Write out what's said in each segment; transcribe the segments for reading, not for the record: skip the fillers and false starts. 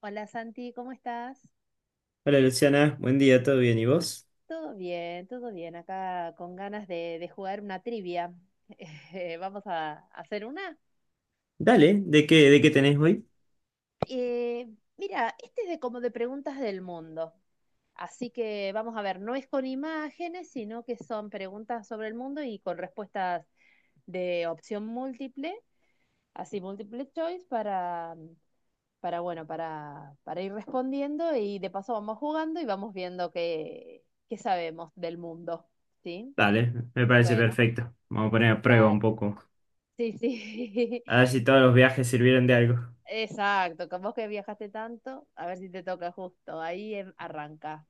Hola Santi, ¿cómo estás? Hola Luciana, buen día, ¿todo bien? ¿Y vos? Todo bien, todo bien. Acá con ganas de jugar una trivia. Vamos a hacer una. Dale, ¿de qué tenés hoy? Eh, mira, este es de como de preguntas del mundo. Así que vamos a ver, no es con imágenes, sino que son preguntas sobre el mundo y con respuestas de opción múltiple, así multiple choice para bueno, para ir respondiendo y de paso vamos jugando y vamos viendo qué sabemos del mundo, ¿sí? Dale, me parece Bueno, perfecto. Vamos a poner a prueba un dale. poco. Sí, sí. A ver si todos los viajes sirvieron de algo. Exacto. Con vos que viajaste tanto, a ver si te toca justo. Ahí arranca.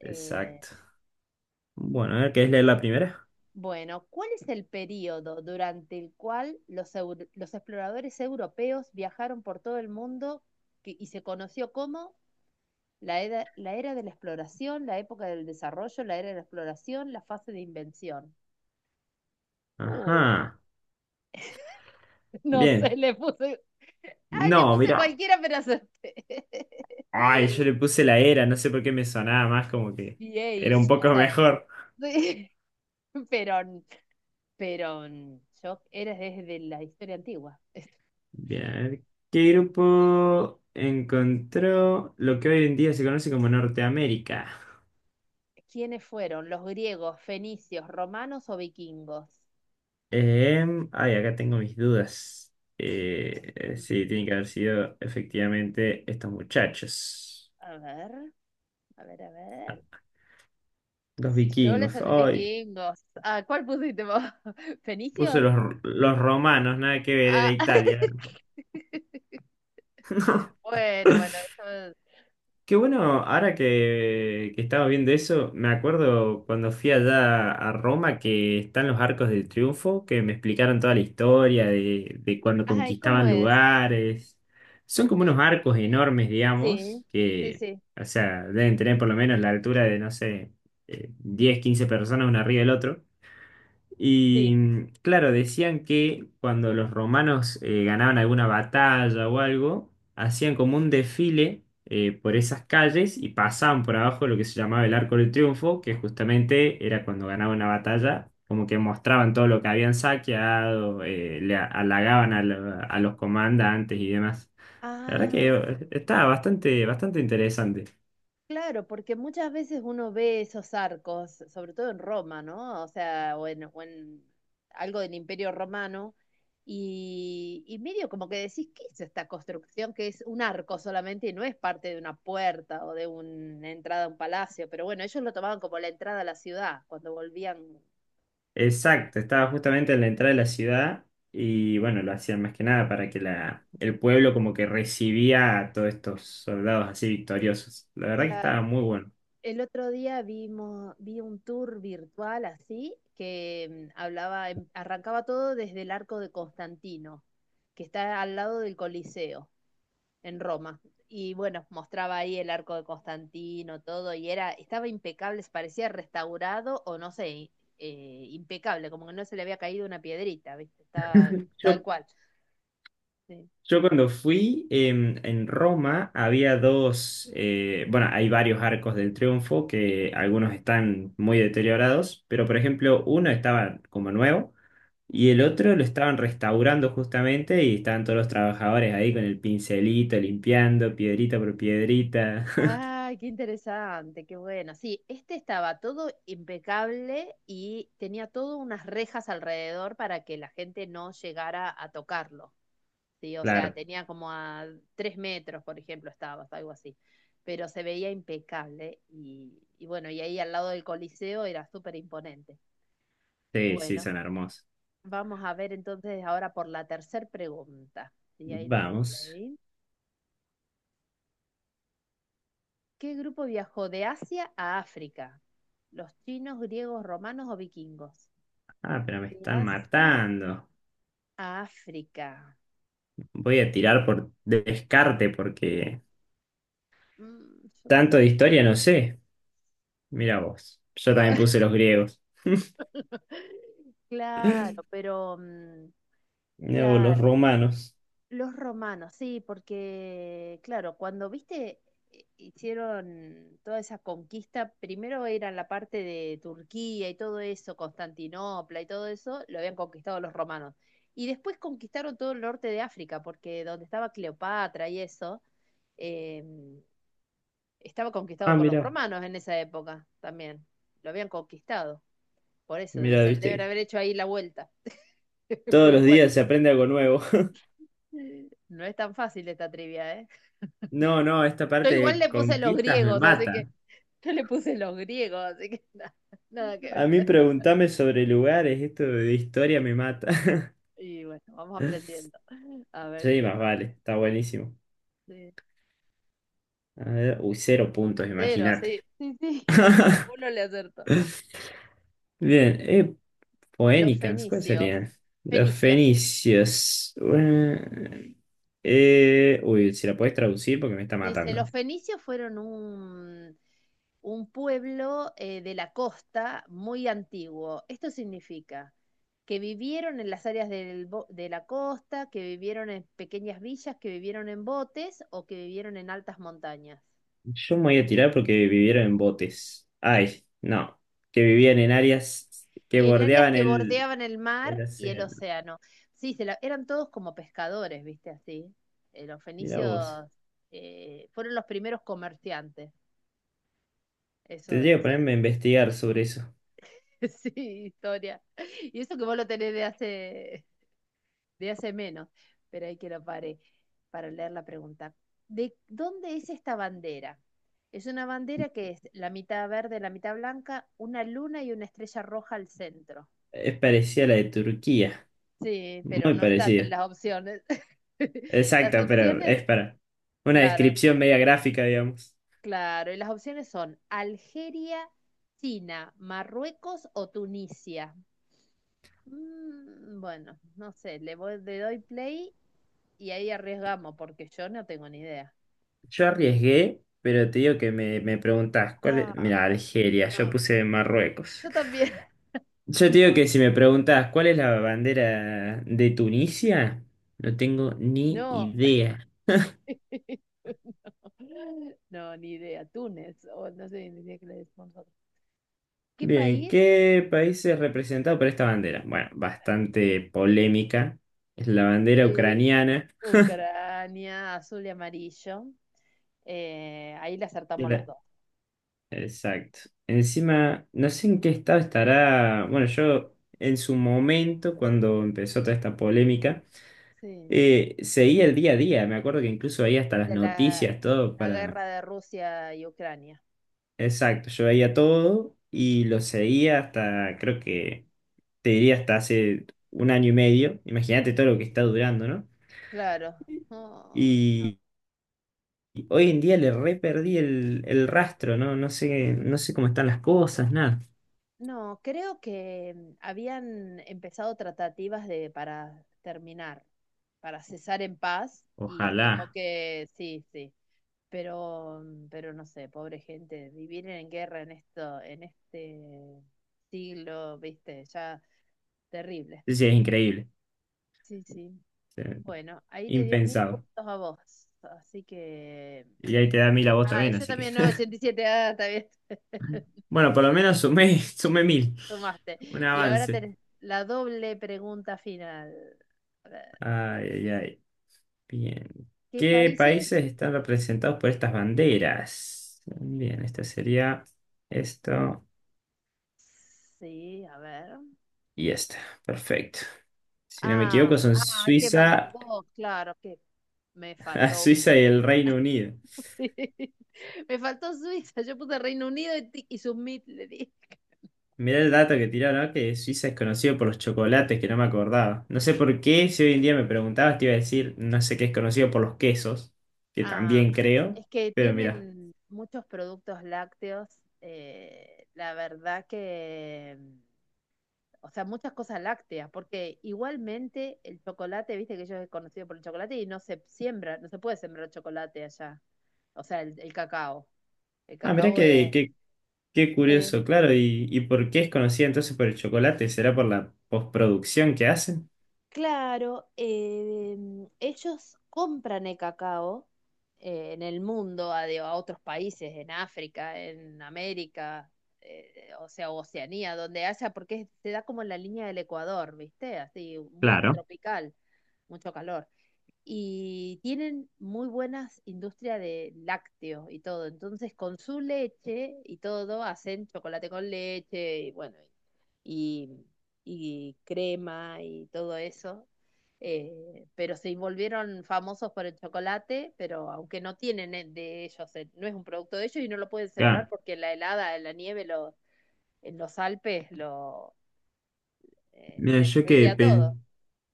Eh, Exacto. Bueno, a ver, ¿querés leer la primera? bueno, ¿cuál es el periodo durante el cual los exploradores europeos viajaron por todo el mundo y se conoció como la era de la exploración, la época del desarrollo, la era de la exploración, la fase de invención? Uh, Ajá, no sé, bien. le puse, ah, le No, puse mira. cualquiera, pero acerté. Ay, yo le puse la era, no sé por qué me sonaba más como que era un VAs, o poco sea, mejor. pero, pero yo era desde la historia antigua. Bien, a ver, ¿qué grupo encontró lo que hoy en día se conoce como Norteamérica? ¿Quiénes fueron? ¿Los griegos, fenicios, romanos o vikingos? Ay, acá tengo mis dudas. Sí, tiene que haber sido efectivamente estos muchachos, A ver, a ver, a ver. los Yo les vikingos. de Ay, vikingos. Ah, ¿cuál pusiste vos? puse ¿Fenicio? Los romanos, nada que ver, era Ah, Italia. bueno, bueno. Eso es- Qué bueno, ahora que estaba viendo eso, me acuerdo cuando fui allá a Roma que están los Arcos del Triunfo, que me explicaron toda la historia de cuando Ay, ¿cómo conquistaban es? lugares. Son como unos arcos enormes, Sí, digamos, sí, que, sí, o sea, deben tener por lo menos la altura de, no sé, 10, 15 personas uno arriba del otro. Y sí. Claro, decían que cuando los romanos ganaban alguna batalla o algo, hacían como un desfile por esas calles y pasaban por abajo lo que se llamaba el Arco del Triunfo, que justamente era cuando ganaban una batalla, como que mostraban todo lo que habían saqueado, halagaban a, a los comandantes y demás. La verdad que Ah, estaba bastante interesante. claro, porque muchas veces uno ve esos arcos, sobre todo en Roma, ¿no? O sea, o en algo del Imperio Romano, y medio como que decís, ¿qué es esta construcción que es un arco solamente y no es parte de una puerta o de una entrada a un palacio? Pero bueno, ellos lo tomaban como la entrada a la ciudad cuando volvían. Exacto, estaba justamente en la entrada de la ciudad y bueno, lo hacían más que nada para que la, el pueblo como que recibía a todos estos soldados así victoriosos. La verdad que estaba Claro. muy bueno. El otro día vi un tour virtual así que hablaba, arrancaba todo desde el arco de Constantino, que está al lado del Coliseo, en Roma. Y bueno, mostraba ahí el arco de Constantino, todo, estaba impecable, parecía restaurado o no sé, impecable, como que no se le había caído una piedrita, ¿viste? Estaba tal Yo, cual. Sí, yo cuando fui en Roma había dos, bueno, hay varios arcos del triunfo que algunos están muy deteriorados, pero por ejemplo uno estaba como nuevo y el sí. otro lo estaban restaurando justamente y estaban todos los trabajadores ahí con el pincelito, limpiando piedrita por piedrita. Ay, qué interesante, qué bueno. Sí, este estaba todo impecable y tenía todas unas rejas alrededor para que la gente no llegara a tocarlo. Sí, o sea, Claro, tenía como a 3 metros, por ejemplo, estaba, algo así. Pero se veía impecable y bueno, y ahí al lado del Coliseo era súper imponente. sí, sí, Bueno, son hermosos. vamos a ver entonces ahora por la tercera pregunta. Y ahí le doy Vamos. play. ¿Qué grupo viajó de Asia a África? ¿Los chinos, griegos, romanos o vikingos? Ah, pero me De están Asia matando. a África. Voy a tirar por descarte porque Mm, yo tanto de también. historia no sé. Mira vos. Yo No, también puse los griegos. claro, pero Mirá vos, los claro. romanos. Los romanos, sí, porque, claro, cuando viste, hicieron toda esa conquista, primero era la parte de Turquía y todo eso, Constantinopla y todo eso, lo habían conquistado los romanos. Y después conquistaron todo el norte de África, porque donde estaba Cleopatra y eso, eh, estaba conquistado Ah, por los mira, romanos en esa época también. Lo habían conquistado, por eso debe mira, ser, viste deben que haber hecho ahí la vuelta. todos los Pero bueno. días se aprende algo nuevo. No es tan fácil esta trivia, ¿eh? No, no, esta Yo parte igual de le puse los conquistas me griegos, así mata. que yo le puse los griegos, así que nada, nada que A mí ver. preguntame sobre lugares, esto de historia me mata. Y bueno, vamos aprendiendo. A ver Sí, qué más más. vale, está buenísimo. Sí, A ver, uy, cero puntos, cero, imagínate. sí, sí, sí. Ninguno le acertó. Bien, Los Phoenicians, ¿cuáles fenicios. serían? Los Fenicios. fenicios. Uy, si la podés traducir porque me está Dice, matando. los fenicios fueron un pueblo de la costa muy antiguo. Esto significa que vivieron en las áreas de la costa, que vivieron en pequeñas villas, que vivieron en botes o que vivieron en altas montañas. Yo me voy a tirar porque vivieron en botes. Ay, no. Que vivían en áreas que En áreas bordeaban que bordeaban el mar el y el océano. océano. Sí, eran todos como pescadores, ¿viste? Así. Los Mira fenicios vos. Fueron los primeros comerciantes. Eso, Tendría que eso ponerme a investigar sobre eso. sí, historia. Y eso que vos lo tenés de hace menos, pero hay que lo pare para leer la pregunta. ¿De dónde es esta bandera? Es una bandera que es la mitad verde, la mitad blanca, una luna y una estrella roja al centro. Es parecida a la de Turquía. Sí, pero Muy no está entre parecida. las opciones. Las Exacto, pero opciones, es para una claro, descripción media gráfica, digamos. claro, y las opciones son Algeria, China, Marruecos o Tunisia. Bueno, no sé, le doy play y ahí arriesgamos, porque yo no tengo ni idea. Yo arriesgué, pero te digo que me preguntás, ¿cuál es? Ah, Mira, Algeria, yo no, puse Marruecos. yo también. Yo te digo que si me preguntás, ¿cuál es la bandera de Tunisia? No tengo ni No, idea. no, no, ni idea. Túnez, o no sé ni idea que le decimos nosotros. ¿Qué Bien, país? ¿qué país es representado por esta bandera? Bueno, bastante polémica. Es la bandera Sí. ucraniana. Ucrania, azul y amarillo. Ahí le Y acertamos los la- dos. Exacto. Encima, no sé en qué estado estará. Bueno, yo en su momento, cuando empezó toda esta polémica. Sí. Seguía el día a día, me acuerdo que incluso veía hasta las De la, noticias, todo la para... guerra de Rusia y Ucrania. Exacto, yo veía todo y lo seguía hasta, creo que, te diría hasta hace 1 año y medio, imagínate todo lo que está durando, ¿no? Claro. Y, y hoy en día le re perdí el rastro, ¿no? No sé, no sé cómo están las cosas, nada. No, creo que habían empezado tratativas de para terminar, para cesar en paz y como Ojalá. que sí, sí, pero no sé, pobre gente, vivir en guerra en este siglo, viste, ya terrible. Sí, es increíble, Sí, sí. o sea, Bueno, ahí te dio mil impensado. puntos a vos, así que Y ahí te da 1000 a vos ah, también, yo así que... también no, 987, ah, está bien. Bueno, por lo menos sumé, sumé 1000, Tomaste. un Y ahora avance. tenés la doble pregunta final. A ver, Ay, ay, ay. Bien. ¿qué ¿Qué países? países están representados por estas banderas? Bien, esta sería esto Sí, a ver. y esta. Perfecto. Si no me Ah, equivoco, son ah, hay que mandar Suiza, dos, claro, que me faltó. Suiza y el Reino Unido. Sí. Me faltó Suiza, yo puse Reino Unido y submit le di. Mirá el dato que tiraron, ¿no? Que Suiza es conocido por los chocolates, que no me acordaba. No sé por qué, si hoy en día me preguntabas, te iba a decir, no sé qué es conocido por los quesos, que Ah, también creo, es que pero mirá. tienen muchos productos lácteos. La verdad que o sea, muchas cosas lácteas, porque igualmente el chocolate, viste que ellos es conocido por el chocolate y no se siembra, no se puede sembrar chocolate allá, o sea, el cacao. El Ah, mirá cacao es... qué, qué qué Eh, curioso, claro. Y por qué es conocida entonces por el chocolate? ¿Será por la postproducción que hacen? claro, ellos compran el cacao en el mundo, a otros países, en África, en América, o sea, Oceanía, donde haya, porque se da como en la línea del Ecuador, ¿viste? Así, muy Claro. tropical, mucho calor. Y tienen muy buenas industrias de lácteos y todo. Entonces, con su leche y todo, hacen chocolate con leche y bueno, y, y crema y todo eso. Pero se volvieron famosos por el chocolate, pero aunque no tienen el de ellos, no es un producto de ellos y no lo pueden sembrar Ya. porque la helada, la nieve, en los Alpes lo, le Mira, destruiría todo.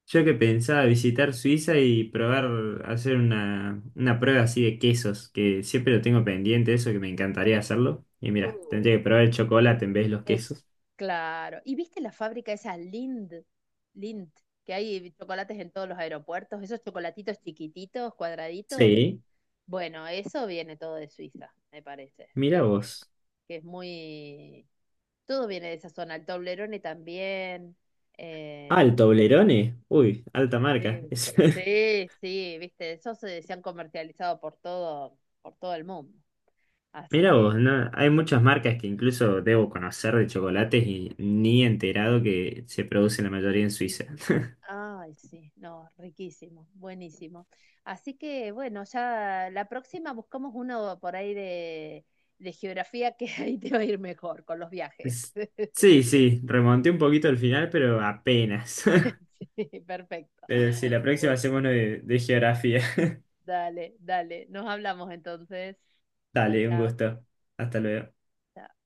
yo que pensaba visitar Suiza y probar, hacer una prueba así de quesos, que siempre lo tengo pendiente, eso que me encantaría hacerlo. Y Uh, mira, tendría que probar el chocolate en vez de los De ch- quesos. claro. ¿Y viste la fábrica esa Lind? Lind, que hay chocolates en todos los aeropuertos, esos chocolatitos chiquititos, cuadraditos. Sí. Bueno, eso viene todo de Suiza, me parece. Mira vos. Que es muy... Todo viene de esa zona, el Toblerone también. Ah, eh, el Toblerone. Uy, alta marca. sí, sí, sí, viste, esos se han comercializado por todo el mundo. Así Mira que... vos, ¿no? Hay muchas marcas que incluso debo conocer de chocolates y ni he enterado que se producen la mayoría en Suiza. Ay, sí, no, riquísimo, buenísimo. Así que bueno, ya la próxima buscamos uno por ahí de geografía que ahí te va a ir mejor con los viajes. S- Sí, sí, remonté un poquito al final, pero apenas. Sí, perfecto. Pero sí, la próxima Bueno, hacemos uno de geografía. dale, dale, nos hablamos entonces. Chao, Dale, un chao. gusto. Hasta luego. Chao.